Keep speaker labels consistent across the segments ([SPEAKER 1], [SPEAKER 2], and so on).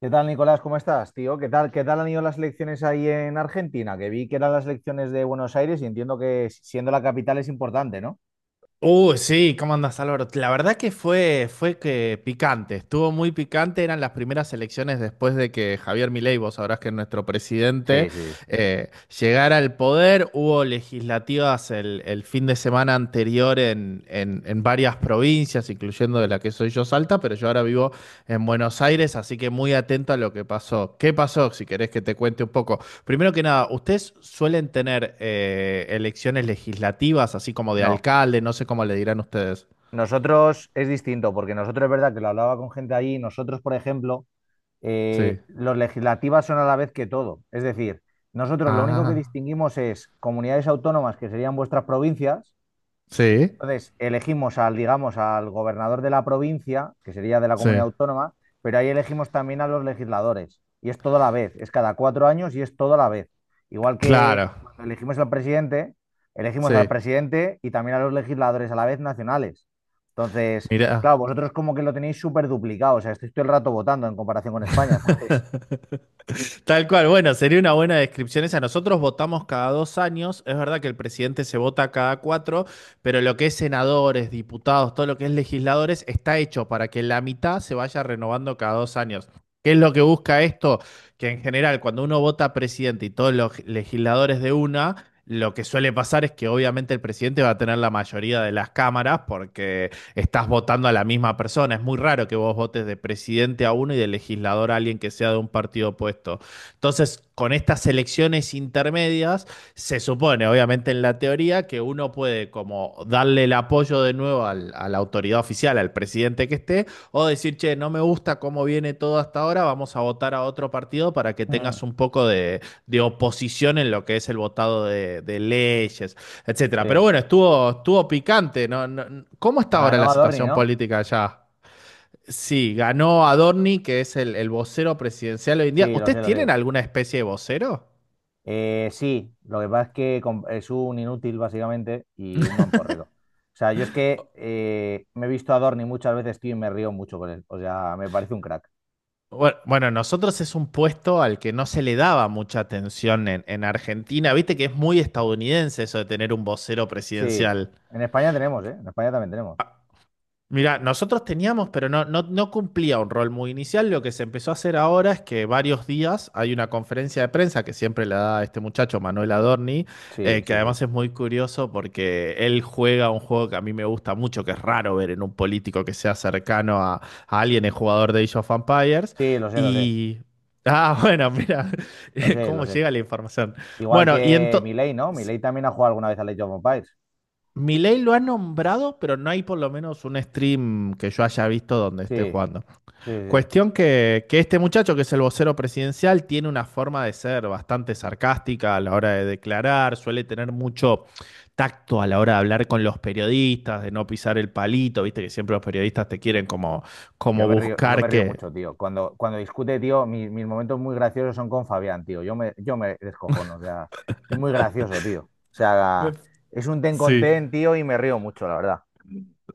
[SPEAKER 1] ¿Qué tal, Nicolás? ¿Cómo estás, tío? ¿Qué tal han ido las elecciones ahí en Argentina? Que vi que eran las elecciones de Buenos Aires y entiendo que si, siendo la capital es importante, ¿no?
[SPEAKER 2] Sí, ¿cómo andas, Álvaro? La verdad que fue que picante, estuvo muy picante, eran las primeras elecciones después de que Javier Milei, vos sabrás que es nuestro presidente,
[SPEAKER 1] Sí, sí, sí.
[SPEAKER 2] eh, llegara al poder, hubo legislativas el fin de semana anterior en varias provincias, incluyendo de la que soy yo, Salta, pero yo ahora vivo en Buenos Aires, así que muy atento a lo que pasó. ¿Qué pasó? Si querés que te cuente un poco. Primero que nada, ¿ustedes suelen tener elecciones legislativas, así como de
[SPEAKER 1] No,
[SPEAKER 2] alcalde? No sé cómo le dirán ustedes.
[SPEAKER 1] nosotros es distinto, porque nosotros es verdad que lo hablaba con gente allí, nosotros, por ejemplo,
[SPEAKER 2] Sí.
[SPEAKER 1] los legislativas son a la vez que todo. Es decir, nosotros lo único que
[SPEAKER 2] Ah,
[SPEAKER 1] distinguimos es comunidades autónomas, que serían vuestras provincias.
[SPEAKER 2] sí,
[SPEAKER 1] Entonces, elegimos al, digamos, al gobernador de la provincia, que sería de la
[SPEAKER 2] sí.
[SPEAKER 1] comunidad autónoma, pero ahí elegimos también a los legisladores. Y es todo a la vez, es cada 4 años y es todo a la vez. Igual
[SPEAKER 2] Claro,
[SPEAKER 1] que cuando elegimos al
[SPEAKER 2] sí.
[SPEAKER 1] presidente y también a los legisladores a la vez nacionales. Entonces,
[SPEAKER 2] Mira.
[SPEAKER 1] claro, vosotros como que lo tenéis súper duplicado, o sea, estáis todo el rato votando en comparación con España, ¿sabes?
[SPEAKER 2] Tal cual, bueno, sería una buena descripción esa. Nosotros votamos cada 2 años, es verdad que el presidente se vota cada cuatro, pero lo que es senadores, diputados, todo lo que es legisladores, está hecho para que la mitad se vaya renovando cada 2 años. ¿Qué es lo que busca esto? Que en general, cuando uno vota presidente y todos los legisladores de una, lo que suele pasar es que obviamente el presidente va a tener la mayoría de las cámaras porque estás votando a la misma persona. Es muy raro que vos votes de presidente a uno y de legislador a alguien que sea de un partido opuesto. Entonces, con estas elecciones intermedias, se supone, obviamente en la teoría, que uno puede como darle el apoyo de nuevo al- a la autoridad oficial, al presidente que esté, o decir, che, no me gusta cómo viene todo hasta ahora, vamos a votar a otro partido para que
[SPEAKER 1] Mm.
[SPEAKER 2] tengas un poco de oposición en lo que es el votado de leyes, etcétera. Pero
[SPEAKER 1] Sí.
[SPEAKER 2] bueno, estuvo, estuvo picante, ¿no? ¿Cómo está ahora la
[SPEAKER 1] Ganó Adorni,
[SPEAKER 2] situación
[SPEAKER 1] ¿no?
[SPEAKER 2] política allá? Sí, ganó Adorni, que es el vocero presidencial hoy en día.
[SPEAKER 1] Sí, lo sé,
[SPEAKER 2] ¿Ustedes
[SPEAKER 1] lo
[SPEAKER 2] tienen
[SPEAKER 1] sé.
[SPEAKER 2] alguna especie de vocero?
[SPEAKER 1] Sí, lo que pasa es que es un inútil básicamente y un mamporrero. O sea, yo es que me he visto a Dorni muchas veces, tío, y me río mucho con él. O sea, me parece un crack.
[SPEAKER 2] Bueno, bueno, nosotros es un puesto al que no se le daba mucha atención en Argentina. Viste que es muy estadounidense eso de tener un vocero
[SPEAKER 1] Sí,
[SPEAKER 2] presidencial.
[SPEAKER 1] en España tenemos, ¿eh? En España también tenemos.
[SPEAKER 2] Mira, nosotros teníamos, pero no, no, no cumplía un rol muy inicial. Lo que se empezó a hacer ahora es que varios días hay una conferencia de prensa que siempre la da este muchacho, Manuel Adorni,
[SPEAKER 1] Sí,
[SPEAKER 2] que
[SPEAKER 1] sí, sí.
[SPEAKER 2] además es muy curioso porque él juega un juego que a mí me gusta mucho, que es raro ver en un político que sea cercano a alguien, el jugador de Age of Empires.
[SPEAKER 1] Sí, lo sé, lo sé.
[SPEAKER 2] Y. Ah, bueno, mira,
[SPEAKER 1] Lo sé, lo
[SPEAKER 2] cómo
[SPEAKER 1] sé.
[SPEAKER 2] llega la información.
[SPEAKER 1] Igual
[SPEAKER 2] Bueno, y
[SPEAKER 1] que
[SPEAKER 2] entonces.
[SPEAKER 1] Milei, ¿no? Milei también ha jugado alguna vez a Age of Empires.
[SPEAKER 2] Milei lo ha nombrado, pero no hay por lo menos un stream que yo haya visto donde esté
[SPEAKER 1] Sí, sí,
[SPEAKER 2] jugando.
[SPEAKER 1] sí. Sí.
[SPEAKER 2] Cuestión que este muchacho, que es el vocero presidencial, tiene una forma de ser bastante sarcástica a la hora de declarar, suele tener mucho tacto a la hora de hablar con los periodistas, de no pisar el palito, viste que siempre los periodistas te quieren como,
[SPEAKER 1] Yo
[SPEAKER 2] como
[SPEAKER 1] me río, yo me
[SPEAKER 2] buscar
[SPEAKER 1] río
[SPEAKER 2] que.
[SPEAKER 1] mucho, tío. Cuando discute, tío, mis momentos muy graciosos son con Fabián, tío. Yo me descojono, o sea, es muy gracioso, tío. O
[SPEAKER 2] Me-
[SPEAKER 1] sea, es un ten con
[SPEAKER 2] Sí.
[SPEAKER 1] ten, tío, y me río mucho, la verdad.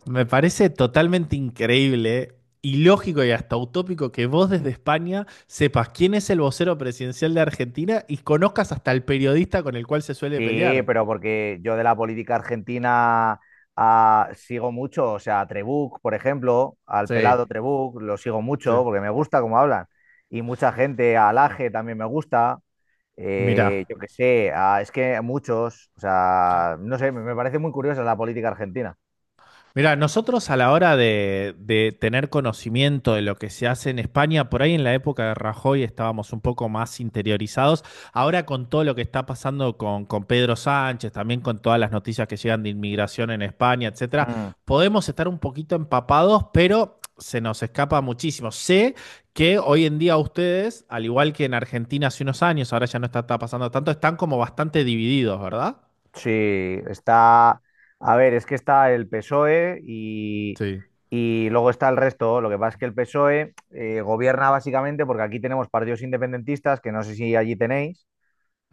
[SPEAKER 2] Me parece totalmente increíble, ilógico y hasta utópico que vos desde España sepas quién es el vocero presidencial de Argentina y conozcas hasta el periodista con el cual se suele
[SPEAKER 1] Sí,
[SPEAKER 2] pelear.
[SPEAKER 1] pero porque yo de la política argentina sigo mucho, o sea, a Trebuch, por ejemplo, al
[SPEAKER 2] Sí,
[SPEAKER 1] pelado Trebuch, lo sigo
[SPEAKER 2] sí.
[SPEAKER 1] mucho porque me gusta cómo hablan. Y mucha gente, a Laje también me gusta.
[SPEAKER 2] Mirá.
[SPEAKER 1] Yo qué sé, es que muchos, o sea, no sé, me parece muy curiosa la política argentina.
[SPEAKER 2] Mira, nosotros a la hora de tener conocimiento de lo que se hace en España, por ahí en la época de Rajoy estábamos un poco más interiorizados. Ahora con todo lo que está pasando con Pedro Sánchez, también con todas las noticias que llegan de inmigración en España, etcétera,
[SPEAKER 1] Mm.
[SPEAKER 2] podemos estar un poquito empapados, pero se nos escapa muchísimo. Sé que hoy en día ustedes, al igual que en Argentina hace unos años, ahora ya no está pasando tanto, están como bastante divididos, ¿verdad?
[SPEAKER 1] Sí, está. A ver, es que está el PSOE y,
[SPEAKER 2] Sí.
[SPEAKER 1] y luego está el resto. Lo que pasa es que el PSOE gobierna básicamente porque aquí tenemos partidos independentistas, que no sé si allí tenéis,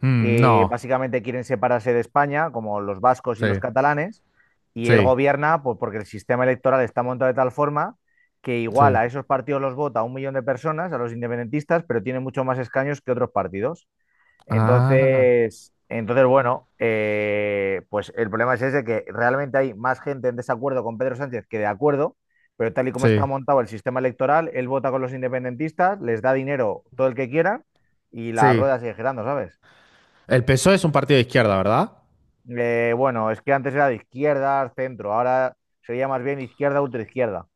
[SPEAKER 2] Mm,
[SPEAKER 1] que
[SPEAKER 2] no.
[SPEAKER 1] básicamente quieren separarse de España, como los vascos y los
[SPEAKER 2] Sí.
[SPEAKER 1] catalanes, y él
[SPEAKER 2] Sí.
[SPEAKER 1] gobierna pues, porque el sistema electoral está montado de tal forma que igual
[SPEAKER 2] Sí.
[SPEAKER 1] a esos partidos los vota un millón de personas, a los independentistas, pero tiene mucho más escaños que otros partidos.
[SPEAKER 2] Ah,
[SPEAKER 1] Entonces, bueno, pues el problema es ese, que realmente hay más gente en desacuerdo con Pedro Sánchez que de acuerdo, pero tal y como está
[SPEAKER 2] sí,
[SPEAKER 1] montado el sistema electoral, él vota con los independentistas, les da dinero todo el que quieran y la
[SPEAKER 2] sí.
[SPEAKER 1] rueda sigue girando, ¿sabes?
[SPEAKER 2] El PSOE es un partido de izquierda, ¿verdad?
[SPEAKER 1] Bueno, es que antes era de izquierdas, centro, ahora sería más bien izquierda, ultraizquierda.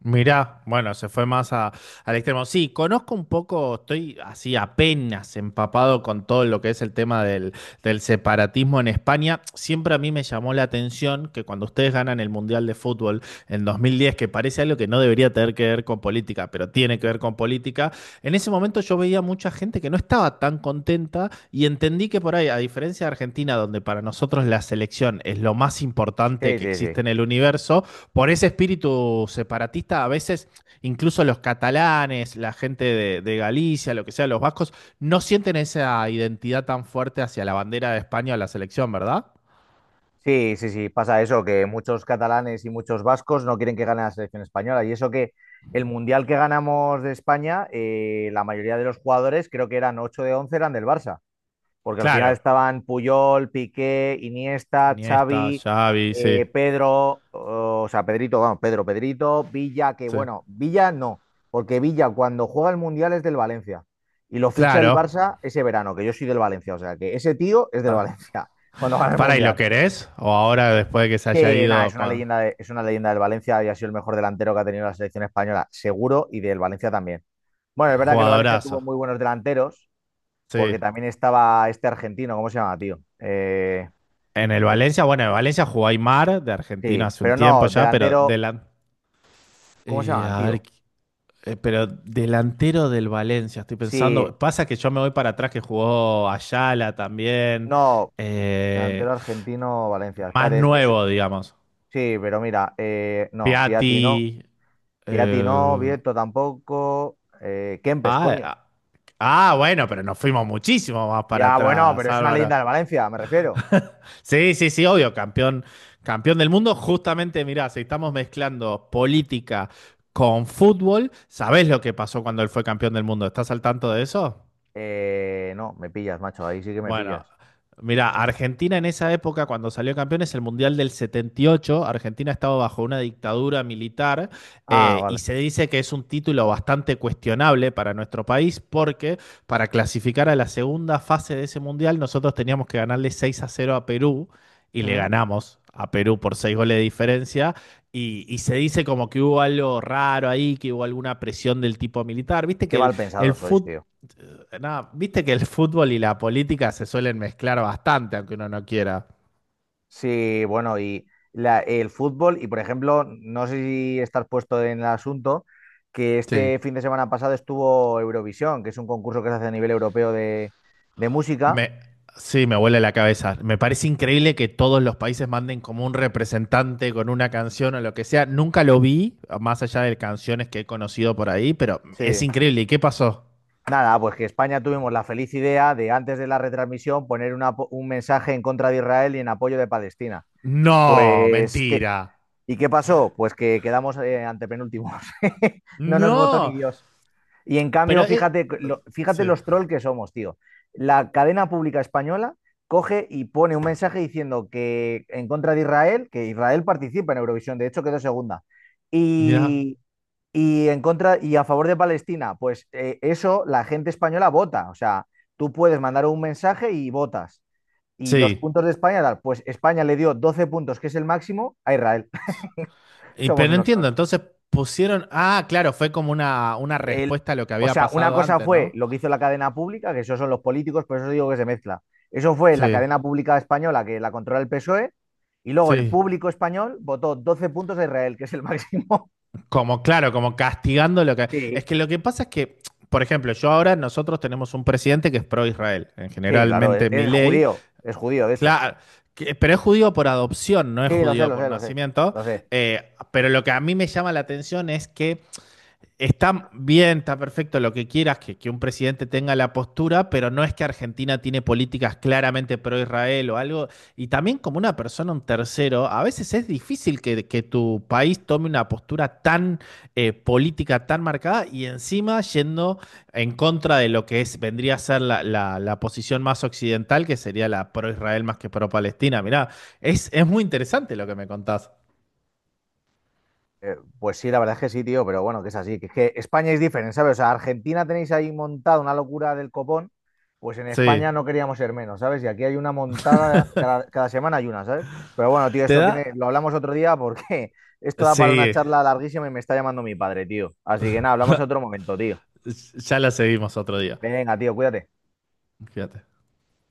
[SPEAKER 2] Mirá, bueno, se fue más a- al extremo. Sí, conozco un poco, estoy así apenas empapado con todo lo que es el tema del separatismo en España. Siempre a mí me llamó la atención que cuando ustedes ganan el Mundial de Fútbol en 2010, que parece algo que no debería tener que ver con política, pero tiene que ver con política, en ese momento yo veía mucha gente que no estaba tan contenta y entendí que por ahí, a diferencia de Argentina, donde para nosotros la selección es lo más importante
[SPEAKER 1] Sí,
[SPEAKER 2] que
[SPEAKER 1] sí, sí.
[SPEAKER 2] existe en el universo, por ese espíritu separatista, a veces incluso los catalanes, la gente de Galicia, lo que sea, los vascos, no sienten esa identidad tan fuerte hacia la bandera de España o la selección, ¿verdad?
[SPEAKER 1] Sí, sí, sí, pasa eso, que muchos catalanes y muchos vascos no quieren que gane la selección española. Y eso que el mundial que ganamos de España, la mayoría de los jugadores, creo que eran 8 de 11 eran del Barça, porque al final
[SPEAKER 2] Claro.
[SPEAKER 1] estaban Puyol, Piqué, Iniesta,
[SPEAKER 2] Iniesta,
[SPEAKER 1] Xavi,
[SPEAKER 2] Xavi, sí,
[SPEAKER 1] Pedro, o sea, Pedrito, vamos, Pedro, Pedrito, Villa, que
[SPEAKER 2] sí.
[SPEAKER 1] bueno, Villa no, porque Villa cuando juega el Mundial es del Valencia y lo ficha el
[SPEAKER 2] Claro.
[SPEAKER 1] Barça ese verano, que yo soy del Valencia, o sea, que ese tío es del
[SPEAKER 2] Ah.
[SPEAKER 1] Valencia cuando gana el
[SPEAKER 2] Para, ¿y lo
[SPEAKER 1] Mundial.
[SPEAKER 2] querés? O ahora, después de que se haya
[SPEAKER 1] Que nada,
[SPEAKER 2] ido,
[SPEAKER 1] es una leyenda del Valencia y ha sido el mejor delantero que ha tenido la selección española, seguro, y del Valencia también. Bueno, es verdad que el Valencia
[SPEAKER 2] jugadorazo.
[SPEAKER 1] tuvo muy buenos delanteros, porque
[SPEAKER 2] Sí.
[SPEAKER 1] también estaba este argentino, ¿cómo se llama, tío?
[SPEAKER 2] En el
[SPEAKER 1] El-
[SPEAKER 2] Valencia, bueno, en Valencia jugó Aymar, de Argentina
[SPEAKER 1] sí,
[SPEAKER 2] hace un
[SPEAKER 1] pero
[SPEAKER 2] tiempo
[SPEAKER 1] no,
[SPEAKER 2] ya, pero
[SPEAKER 1] delantero,
[SPEAKER 2] de la.
[SPEAKER 1] ¿cómo se llaman,
[SPEAKER 2] A
[SPEAKER 1] tío?
[SPEAKER 2] ver, pero delantero del Valencia, estoy
[SPEAKER 1] Sí,
[SPEAKER 2] pensando. Pasa que yo me voy para atrás que jugó Ayala también.
[SPEAKER 1] no,
[SPEAKER 2] eh,
[SPEAKER 1] delantero argentino, Valencia.
[SPEAKER 2] más
[SPEAKER 1] Espérate, es que
[SPEAKER 2] nuevo, digamos.
[SPEAKER 1] sí, pero mira, no, Piatti no,
[SPEAKER 2] Piatti.
[SPEAKER 1] Piatti no,
[SPEAKER 2] eh,
[SPEAKER 1] Vieto tampoco, Kempes,
[SPEAKER 2] ah,
[SPEAKER 1] coño.
[SPEAKER 2] ah, ah, bueno, pero nos fuimos muchísimo más para
[SPEAKER 1] Ya, bueno,
[SPEAKER 2] atrás,
[SPEAKER 1] pero es una
[SPEAKER 2] Álvaro.
[SPEAKER 1] leyenda de Valencia, me refiero.
[SPEAKER 2] Sí, sí, sí, obvio, campeón, campeón del mundo. Justamente, mirá, si estamos mezclando política con fútbol, ¿sabés lo que pasó cuando él fue campeón del mundo? ¿Estás al tanto de eso?
[SPEAKER 1] No, me pillas, macho, ahí sí que me
[SPEAKER 2] Bueno,
[SPEAKER 1] pillas.
[SPEAKER 2] mira, Argentina en esa época, cuando salió campeón, es el Mundial del 78, Argentina estaba bajo una dictadura militar
[SPEAKER 1] Ah,
[SPEAKER 2] y
[SPEAKER 1] vale.
[SPEAKER 2] se dice que es un título bastante cuestionable para nuestro país porque para clasificar a la segunda fase de ese Mundial nosotros teníamos que ganarle 6-0 a Perú y le
[SPEAKER 1] Mm.
[SPEAKER 2] ganamos a Perú por 6 goles de diferencia y se dice como que hubo algo raro ahí, que hubo alguna presión del tipo militar. Viste
[SPEAKER 1] Qué
[SPEAKER 2] que el,
[SPEAKER 1] mal pensado
[SPEAKER 2] el
[SPEAKER 1] sois,
[SPEAKER 2] fútbol.
[SPEAKER 1] tío.
[SPEAKER 2] Nada, viste que el fútbol y la política se suelen mezclar bastante, aunque uno no quiera.
[SPEAKER 1] Sí, bueno, y el fútbol, y por ejemplo, no sé si estás puesto en el asunto, que
[SPEAKER 2] Sí.
[SPEAKER 1] este fin de semana pasado estuvo Eurovisión, que es un concurso que se hace a nivel europeo de música.
[SPEAKER 2] Me, sí, me huele la cabeza. Me parece increíble que todos los países manden como un representante con una canción o lo que sea. Nunca lo vi, más allá de canciones que he conocido por ahí, pero es
[SPEAKER 1] Sí.
[SPEAKER 2] increíble. ¿Y qué pasó?
[SPEAKER 1] Nada, pues que España tuvimos la feliz idea de antes de la retransmisión poner una un mensaje en contra de Israel y en apoyo de Palestina.
[SPEAKER 2] No,
[SPEAKER 1] Pues, ¿qué?
[SPEAKER 2] mentira.
[SPEAKER 1] ¿Y qué pasó? Pues que quedamos antepenúltimos. No nos votó ni
[SPEAKER 2] No,
[SPEAKER 1] Dios. Y en cambio,
[SPEAKER 2] pero.
[SPEAKER 1] fíjate, fíjate
[SPEAKER 2] Sí.
[SPEAKER 1] los trolls que somos, tío. La cadena pública española coge y pone un mensaje diciendo que en contra de Israel, que Israel participa en Eurovisión, de hecho quedó segunda.
[SPEAKER 2] Mira.
[SPEAKER 1] Y, y en contra y a favor de Palestina, pues eso la gente española vota. O sea, tú puedes mandar un mensaje y votas. Y los
[SPEAKER 2] Sí.
[SPEAKER 1] puntos de España, tal, pues España le dio 12 puntos, que es el máximo, a Israel.
[SPEAKER 2] Y,
[SPEAKER 1] Somos
[SPEAKER 2] pero no
[SPEAKER 1] unos
[SPEAKER 2] entiendo,
[SPEAKER 1] trolls.
[SPEAKER 2] entonces pusieron. Ah, claro, fue como una
[SPEAKER 1] el,
[SPEAKER 2] respuesta a lo que
[SPEAKER 1] o
[SPEAKER 2] había
[SPEAKER 1] sea, una
[SPEAKER 2] pasado
[SPEAKER 1] cosa
[SPEAKER 2] antes,
[SPEAKER 1] fue
[SPEAKER 2] ¿no?
[SPEAKER 1] lo que hizo la cadena pública, que eso son los políticos, por eso digo que se mezcla. Eso fue la
[SPEAKER 2] Sí,
[SPEAKER 1] cadena pública española que la controla el PSOE y luego el
[SPEAKER 2] sí.
[SPEAKER 1] público español votó 12 puntos a Israel, que es el máximo.
[SPEAKER 2] Como, claro, como castigando lo que.
[SPEAKER 1] Sí.
[SPEAKER 2] Es que lo que pasa es que, por ejemplo, yo ahora nosotros tenemos un presidente que es pro-Israel, en
[SPEAKER 1] Sí, claro, es,
[SPEAKER 2] generalmente
[SPEAKER 1] es
[SPEAKER 2] Milei.
[SPEAKER 1] judío, es judío, de hecho.
[SPEAKER 2] Claro. Pero es judío por adopción, no es
[SPEAKER 1] Sí, lo sé,
[SPEAKER 2] judío
[SPEAKER 1] lo
[SPEAKER 2] por
[SPEAKER 1] sé, lo sé,
[SPEAKER 2] nacimiento.
[SPEAKER 1] lo sé.
[SPEAKER 2] Pero lo que a mí me llama la atención es que está bien, está perfecto lo que quieras, que un presidente tenga la postura, pero no es que Argentina tiene políticas claramente pro-Israel o algo. Y también como una persona, un tercero, a veces es difícil que tu país tome una postura tan política, tan marcada, y encima yendo en contra de lo que es, vendría a ser la, la- la posición más occidental, que sería la pro-Israel más que pro-Palestina. Mirá, es muy interesante lo que me contás.
[SPEAKER 1] Pues sí, la verdad es que sí, tío, pero bueno, que es así. Que es que España es diferente, ¿sabes? O sea, Argentina tenéis ahí montada una locura del copón, pues en
[SPEAKER 2] Sí.
[SPEAKER 1] España no queríamos ser menos, ¿sabes? Y aquí hay una montada, cada semana hay una, ¿sabes? Pero bueno, tío,
[SPEAKER 2] Te
[SPEAKER 1] esto
[SPEAKER 2] da.
[SPEAKER 1] tiene, lo hablamos otro día porque esto da para una
[SPEAKER 2] Sí.
[SPEAKER 1] charla larguísima y me está llamando mi padre, tío. Así que nada, hablamos otro momento, tío.
[SPEAKER 2] Ya la seguimos otro día.
[SPEAKER 1] Venga, tío, cuídate.
[SPEAKER 2] Fíjate.